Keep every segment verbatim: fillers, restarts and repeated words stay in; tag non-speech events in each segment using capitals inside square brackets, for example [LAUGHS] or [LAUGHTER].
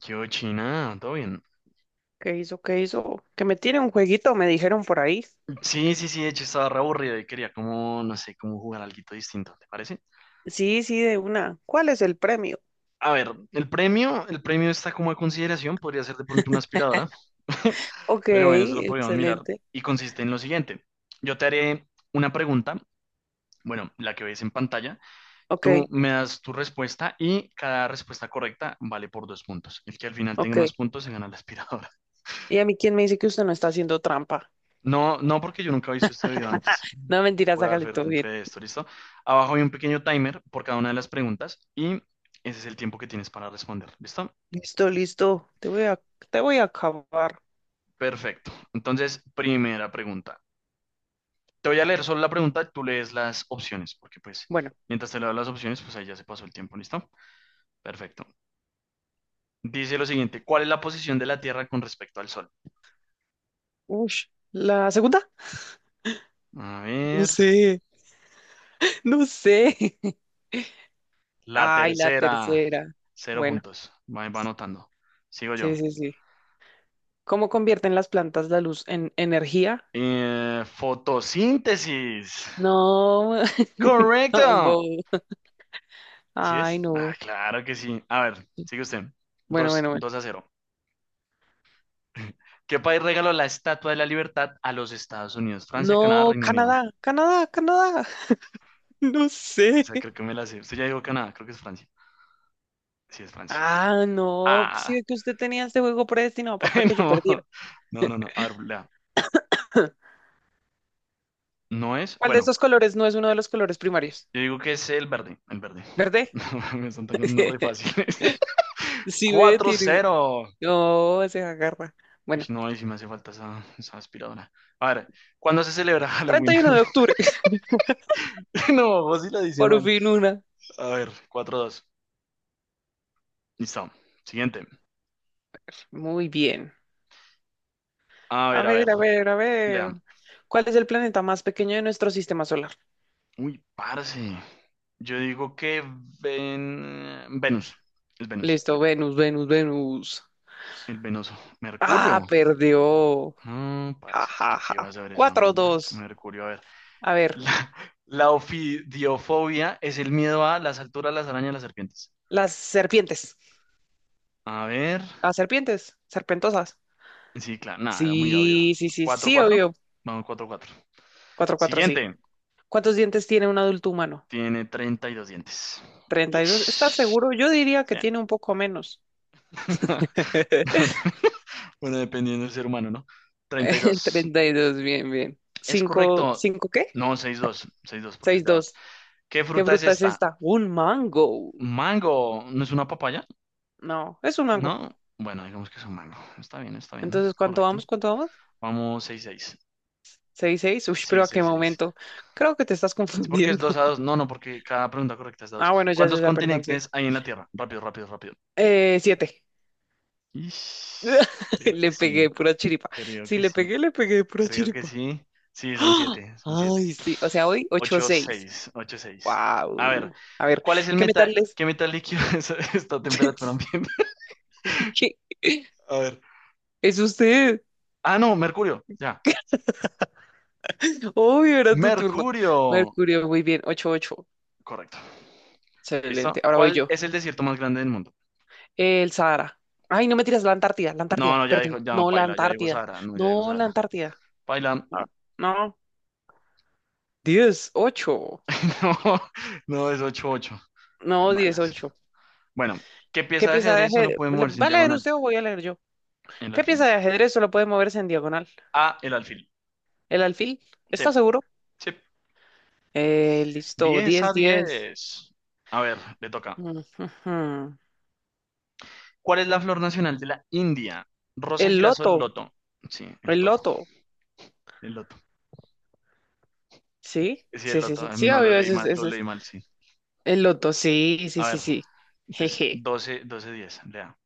¿Qué hubo, China? ¿Todo bien? ¿Qué hizo? ¿Qué hizo? Que me tiene un jueguito, me dijeron por ahí. Sí, sí, sí, de hecho estaba re aburrido y quería como, no sé, como jugar algo distinto, ¿te parece? Sí, sí, de una. ¿Cuál es el premio? A ver, el premio, el premio está como a consideración, podría ser de pronto una aspiradora, [LAUGHS] [LAUGHS] Ok, pero bueno, eso lo podríamos mirar excelente. y consiste en lo siguiente. Yo te haré una pregunta, bueno, la que ves en pantalla, Ok, tú me das tu respuesta y cada respuesta correcta vale por dos puntos. El que al final tenga ok. más puntos se gana la aspiradora. ¿Y a mí quién me dice que usted no está haciendo trampa? No, no, porque yo nunca he visto este video antes. No, mentiras, Voy a dar sácale fe, todo fe bien. de esto, ¿listo? Abajo hay un pequeño timer por cada una de las preguntas y ese es el tiempo que tienes para responder, ¿listo? Listo, listo. Te voy a, te voy a acabar. Perfecto. Entonces, primera pregunta. Te voy a leer solo la pregunta, tú lees las opciones, porque pues Bueno, mientras te leo las opciones, pues ahí ya se pasó el tiempo, ¿listo? Perfecto. Dice lo siguiente, ¿cuál es la posición de la Tierra con respecto al Sol? ush, ¿la segunda? A No ver, sé, no sé. [LAUGHS] la Ay, la tercera, tercera. cero Bueno, puntos. Va, va anotando. Sigo sí, yo. sí, sí. ¿Cómo convierten las plantas la luz en energía? Eh, fotosíntesis. No, [LAUGHS] Correcto. no, ¿Sí Ay, es? Ah, no. claro que sí. A ver, sigue usted. Bueno, Dos, bueno, bueno. dos a cero. ¿Qué país regaló la Estatua de la Libertad a los Estados Unidos? Francia, Canadá, No, Reino Unido. Canadá, Canadá, Canadá. [LAUGHS] No O sé. sea, creo que me la sé. Usted ya dijo Canadá, creo que es Francia. Sí, es Francia. Ah, no. pues Ah, Sí, que usted tenía este juego predestinado para que [LAUGHS] yo no. perdiera. No, no, no. A ver, lea. [LAUGHS] No es. ¿Cuál de Bueno, estos colores no es uno de los colores primarios? yo digo que es el verde. El verde. [LAUGHS] ¿Verde? No, me están tocando unas re [LAUGHS] fáciles. [LAUGHS] Sí, ve, tiene. cuatro cero. No, se agarra. Uy, Bueno, no, ahí sí me hace falta esa, esa aspiradora. A ver, ¿cuándo se celebra Halloween? treinta y uno de octubre. [LAUGHS] [LAUGHS] No, vos sí la dice Por mal. fin una. A ver, cuatro dos. Listo. Siguiente. Muy bien. A A ver, a ver, ver, a ver, a lea. ver. ¿Cuál es el planeta más pequeño de nuestro sistema solar? Uy, parce. Yo digo que ven... Venus. Es Venus. Listo, Venus, Venus, Venus. El venoso. Mercurio. Ah, perdió. No, Ja, parce, que ja, yo que iba a ja. saber esa Cuatro, vaina. dos. Mercurio, a ver. A ver, La, la ofidiofobia es el miedo a las alturas, las arañas, las serpientes. las serpientes. A ver. Las serpientes, serpentosas. Sí, claro, nada, era muy obvio. Sí, sí, sí, Cuatro sí, cuatro. obvio. Vamos, cuatro cuatro. Cuatro, cuatro, sí. Siguiente. ¿Cuántos dientes tiene un adulto humano? Tiene treinta y dos dientes. Treinta y dos. ¿Estás Ish. seguro? O Yo diría que sea, tiene un poco menos. [LAUGHS] [LAUGHS] bueno, dependiendo del ser humano, ¿no? Treinta y dos. Treinta y dos, bien, bien. ¿Es Cinco, correcto? cinco, ¿qué? No, seis dos, seis dos, porque es Seis, de a dos. dos. ¿Qué ¿Qué fruta es fruta es esta? esta? Un mango. ¿Mango? ¿No es una papaya? No, es un mango. No. Bueno, digamos que es un mango. Está bien, está bien. Entonces, ¿cuánto Correcto. vamos? ¿Cuánto vamos? Vamos, seis seis. Seis, seis. Uy, Sí, pero ¿a qué seis seis. momento? Creo que te estás Es porque es confundiendo. dos a dos. [LAUGHS] No, no, porque cada pregunta correcta es de Ah, dos. bueno, ya, ya, ¿Cuántos ya, perdón, sí. continentes hay en la Tierra? Rápido, rápido, rápido. Eh, siete. Ish, [LAUGHS] creo que Le sí. pegué pura chiripa. Creo Si que le sí. pegué, le pegué pura Creo que chiripa. sí. Sí, son ¡Ah! siete. Son siete. Ay, sí. O sea, hoy 8 Ocho seis seis, ocho seis. A ver, Wow. A ver, ¿cuál es el ¿qué meta? metal es? ¿Qué metal líquido [LAUGHS] es esta temperatura [LAUGHS] ambiente? ¿Qué? A ver. Es usted. Ah, no, Mercurio. Ya. Hoy era tu turno. Mercurio. Mercurio, muy bien. Ocho ocho. Correcto. Excelente. ¿Listo? Ahora voy ¿Cuál yo. es el desierto más grande del mundo? El Sahara. Ay, no me tiras la Antártida, la No, Antártida, no, ya perdón. dijo, ya no, No, la Paila, ya dijo Antártida. Sahara. No, ya dijo No, la Sahara. Antártida. Paila, No. No. diez ocho. [LAUGHS] no, no, es ocho ocho. Es No, malas. dieciocho. Bueno, ¿qué ¿Qué pieza de pieza de ajedrez solo ajedrez? puede moverse en ¿Va a leer diagonal? usted o voy a leer yo? El ¿Qué pieza alfil. de ajedrez solo puede moverse en diagonal? A, el alfil. ¿El alfil? Sí, ¿Está seguro? sí. Eh, listo, diez a Diez, diez. diez. A ver, le toca. Mm, ujú. ¿Cuál es la flor nacional de la India? Rosa, El girasol, loto, loto. Sí, el el toto. loto. El loto. ¿Sí? Sí, el Sí, sí, loto. sí. eh, Sí, No lo obvio, leí ese es, mal, lo ese leí es. mal, sí. El loto, sí, A sí, sí, ver, sí. entonces Jeje. doce, doce, diez. Lea.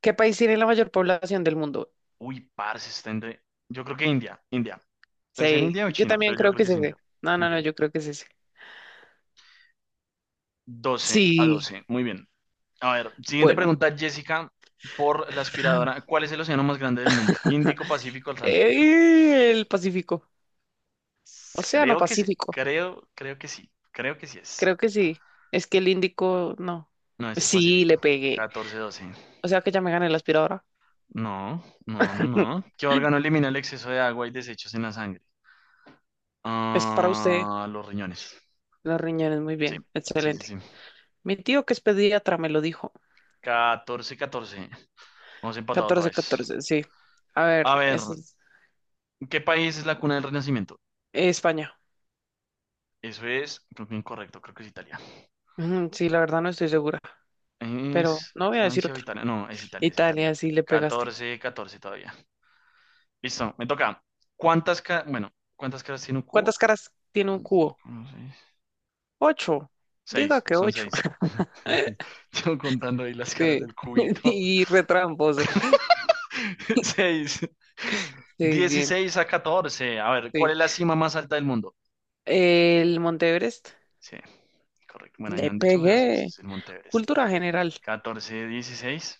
¿Qué país tiene la mayor población del mundo? Uy, parce, está entre. Yo creo que India, India. ¿Es en Sí, India o yo China? también Pero yo creo creo que que es es ese. India. No, no, no, India. yo creo que es ese. doce a Sí, doce. Muy bien. A ver, siguiente bueno. pregunta, [GASPS] Jessica, por la aspiradora. [SIGHS] ¿Cuál es el océano más grande del mundo? Índico, Pacífico, Atlántico. Eh, el Pacífico. S- Océano Creo que sí, Pacífico. creo, creo que sí, creo que sí es. Creo que sí. Es que el índico, no. No es el Sí, le Pacífico. pegué. Catorce doce. O sea que ya me gané la aspiradora. No, no, no, no. [LAUGHS] ¿Qué órgano elimina el exceso de agua y desechos en la sangre? Es para usted. Ah, los riñones. Los riñones, muy Sí, bien. sí, sí, sí. Excelente. Mi tío que es pediatra me lo dijo. Catorce. 14. Hemos empatado otra Catorce vez. catorce. sí. A ver, A ver, es es ¿qué país es la cuna del Renacimiento? España. Eso es, creo que incorrecto, creo que es Italia. Ujú, Sí, la verdad no estoy segura. Pero Es no voy a decir Francia o otra. Italia. No, es Italia, es Italia. Italia, sí le pegaste. Catorce catorce todavía. Listo, me toca. ¿Cuántas ca- bueno, ¿cuántas caras tiene un cubo? ¿Cuántas caras tiene un cubo? Ocho. Diga Seis, que son ocho. seis. [LAUGHS] [LAUGHS] Yo contando ahí las caras Sí. del [LAUGHS] cubito. Y retramposo. [LAUGHS] Seis. Sí, bien. Dieciséis a catorce. A ver, Sí. ¿cuál es la cima más alta del mundo? El Monte Everest. Sí, correcto. Bueno, ahí no Le han dicho, pero sí, sí, pegué. es el Monte Everest. Cultura general. Catorce dieciséis.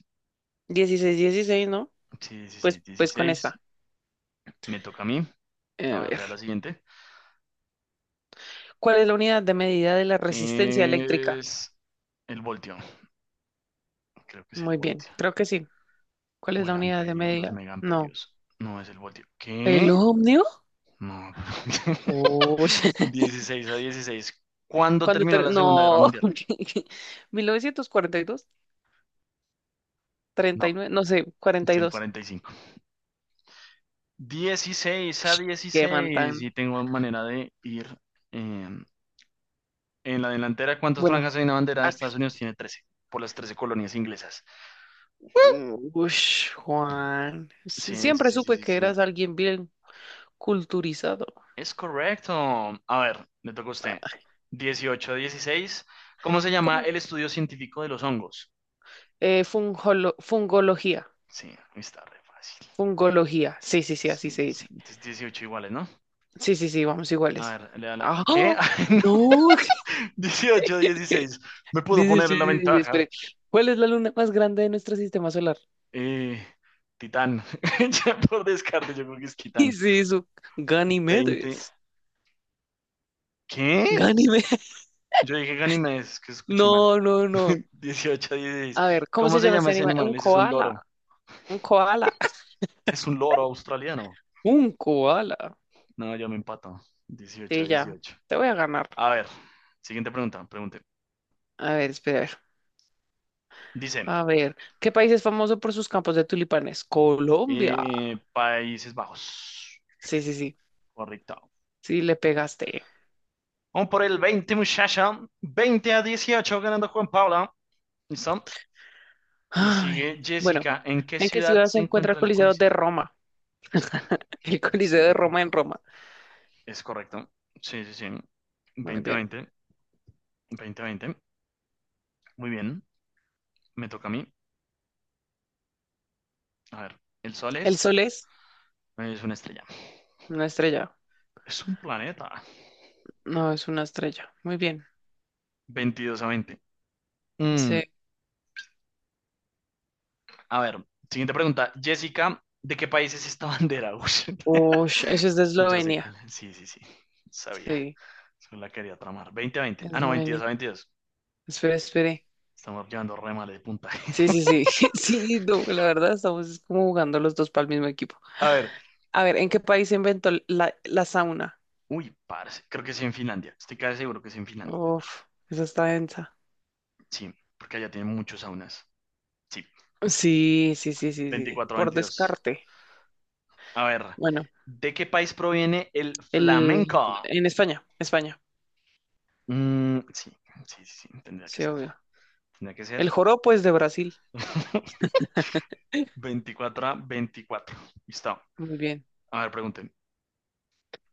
¿Dieciséis, dieciséis, no? Sí, Pues, dieciséis pues con dieciséis esta. Me toca a mí. A A ver, lea ver. la siguiente. ¿Cuál es la unidad de medida de la resistencia eléctrica? Es el voltio. Creo que es el Muy bien, voltio. creo que sí. ¿Cuál O es el la unidad de amperio, los medida? No. megaamperios. No es el voltio. ¿El ¿Qué? ohmio? No. [LAUGHS] Uy. [LAUGHS] Dieciséis a dieciséis. ¿Cuándo Cuando terminó ter- la Segunda Guerra No. Mundial? [LAUGHS] Mil novecientos cuarenta y dos. Treinta y No, nueve. no sé, es en cuarenta y dos. cuarenta y cinco. Dieciséis a Qué man dieciséis. tan. Y tengo manera de ir eh, en la delantera. ¿Cuántas Bueno. franjas hay en la bandera de ah, Estados Unidos? ¿Tiene trece? Por las trece colonias inglesas. mm, ush, Juan. Sí, Sie- sí, Siempre sí, sí, supe sí, que sí. eras alguien bien culturizado. Es correcto. A ver, le toca a usted. dieciocho, dieciséis. ¿Cómo se llama el estudio científico de los hongos? Eh, fungolo- fungología. Sí, está re fácil. Fungología. Sí, sí, sí, así Sí, se sí, sí. dice. Entonces dieciocho iguales, ¿no? Sí, sí, sí, vamos A iguales. ver, le da la... ¡Ah! ¿Qué? [LAUGHS] ¡Oh! Ay, no. ¡No! dieciocho, [LAUGHS] dieciséis. Me puedo Dice, poner sí, en la sí, sí, sí, ventaja. espere. ¿Cuál es la luna más grande de nuestro sistema solar? [LAUGHS] Eh, Titán. [LAUGHS] Ya por descarte, yo creo que es Y Titán. sí, su Veinte. Ganímedes. ¿Qué? Ganímedes. [LAUGHS] Yo dije Ganímedes, es que escucho mal. No, no, no. [LAUGHS] dieciocho, dieciséis. A ver, ¿cómo ¿Cómo se se llama llama este ese animal? animal? Un Ese es un koala. loro. Un koala. [LAUGHS] Es un loro australiano. Un koala. No, yo me empato. dieciocho a Sí, ya. dieciocho. Te voy a ganar. A ver, siguiente pregunta, pregunte. A ver, espera. A ver. Dice, A ver, ¿qué país es famoso por sus campos de tulipanes? Colombia. eh, Países Bajos. Sí, sí, sí. Correcto. Sí, le pegaste. Vamos por el veinte, muchacha. Veinte a dieciocho, ganando Juan Paula. ¿Listo? Y Ay, sigue bueno, Jessica. ¿En qué ¿en qué ciudad ciudad se se encuentra el encuentra el Coliseo de Coliseo? Roma? Sí, [LAUGHS] El sí, Coliseo de Roma en correcto. Roma. Es correcto. Sí, sí, sí. Muy veinte bien. veinte, veinte veinte. Muy bien. Me toca a mí. A ver, el Sol ¿El es, sol es es una estrella. una estrella? Es un planeta. No, es una estrella. Muy bien. Veintidós a veinte. Mm, Sí. a ver, siguiente pregunta. Jessica, ¿de qué país es esta bandera? [LAUGHS] Uy, Ush, eso es de yo sé cuál Eslovenia. es. Sí, sí, sí. Sabía. Sí, Solo la quería tramar. Veinte a veinte. Ah, no, veintidós Eslovenia. a veintidós. Espere, espere. Estamos llevando re mal de puntaje. Sí, sí, sí. [LAUGHS] [LAUGHS] Sí, no, la verdad estamos es como jugando los dos para el mismo equipo. A ver. A ver, ¿en qué país se inventó la, la sauna? Uy, parce. Creo que es en Finlandia. Estoy casi seguro que es en Finlandia. Uf, esa está densa. Sí, porque allá tienen muchos saunas. Sí, Sí, sí, sí, sí, sí. Veinticuatro a Por veintidós. descarte. A ver. Bueno. ¿De qué país proviene el El, flamenco? en España, España, Mm, sí, sí, sí, sí, tendría que sí, ser. obvio. Tenía que ser. El joropo es de Brasil. [LAUGHS] [LAUGHS] Veinticuatro a veinticuatro. Listo. Muy bien. A ver, pregunten.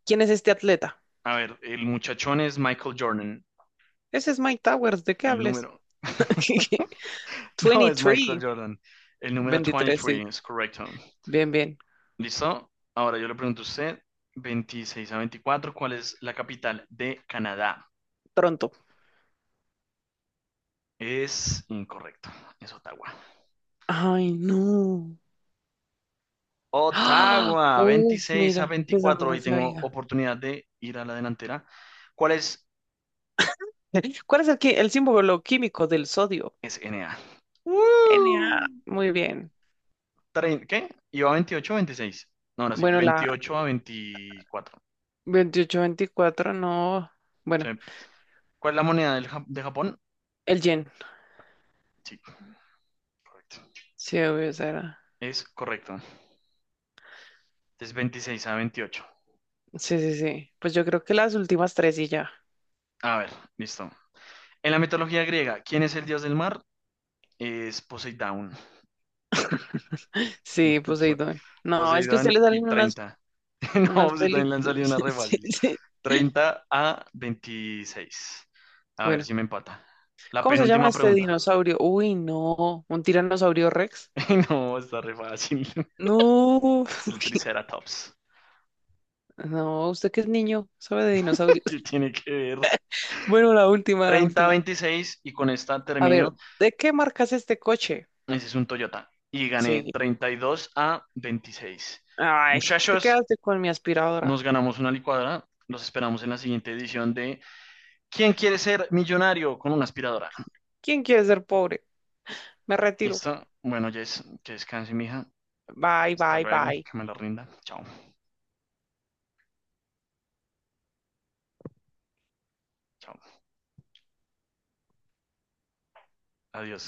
¿Quién es este atleta? A ver, el muchachón es Michael Jordan. Ese es Mike Towers, ¿de qué El hables? número. [LAUGHS] [LAUGHS] No es Michael veintitrés. Jordan. El número veintitrés, sí. veintitrés es correcto. Bien, bien. ¿Listo? Ahora yo le pregunto a usted, veintiséis a veinticuatro, ¿cuál es la capital de Canadá? Pronto. Es incorrecto, es Ottawa. Ay, no. Ah, Ottawa, uf, veintiséis a mira, esa no veinticuatro. la Hoy tengo sabía. oportunidad de ir a la delantera. ¿Cuál es? [LAUGHS] ¿Cuál es el, qui- el símbolo químico del sodio? Es N A. Na. ¡Uh! Muy bien. trein- ¿Qué? Iba veintiocho o veintiséis. No, ahora sí, Bueno, la veintiocho a veinticuatro. veintiocho veinticuatro no. Sí. Bueno, ¿Cuál es la moneda del Ja- de Japón? el yen. Sí, correcto. Sí, obvio, esa era. Es correcto. Es veintiséis a veintiocho. Sí, sí, sí. Pues yo creo que las últimas tres y ya. A ver, listo. En la mitología griega, ¿quién es el dios del mar? Es Poseidón. [LAUGHS] Sí, [LAUGHS] Poseidón. No, es que a usted le Poseidón y salen unas, treinta. [LAUGHS] No, unas Poseidón, le han películas. [LAUGHS] salido unas re Sí, fáciles. sí. Treinta a veintiséis. A ver Bueno, si me empata. La ¿cómo se llama penúltima este pregunta. dinosaurio? Uy, no, un tiranosaurio Rex. [LAUGHS] No, está re fácil. [LAUGHS] No, [LAUGHS] El Triceratops. no, usted que es niño, sabe de dinosaurios. Que [LAUGHS] tiene que ver. Bueno, la última, la treinta a última. veintiséis y con esta A ver, termino. ¿de qué marca es este coche? Ese es un Toyota. Y gané Sí. treinta y dos a veintiséis. Ay, te Muchachos, quedaste con mi aspiradora. nos ganamos una licuadora. Los esperamos en la siguiente edición de ¿Quién quiere ser millonario con una aspiradora? ¿Quién quiere ser pobre? Me retiro. ¿Listo? Bueno, Jess, que descanse, mija. Bye, Hasta bye, luego, bye. que me la rinda. Chao, chao. Adiós.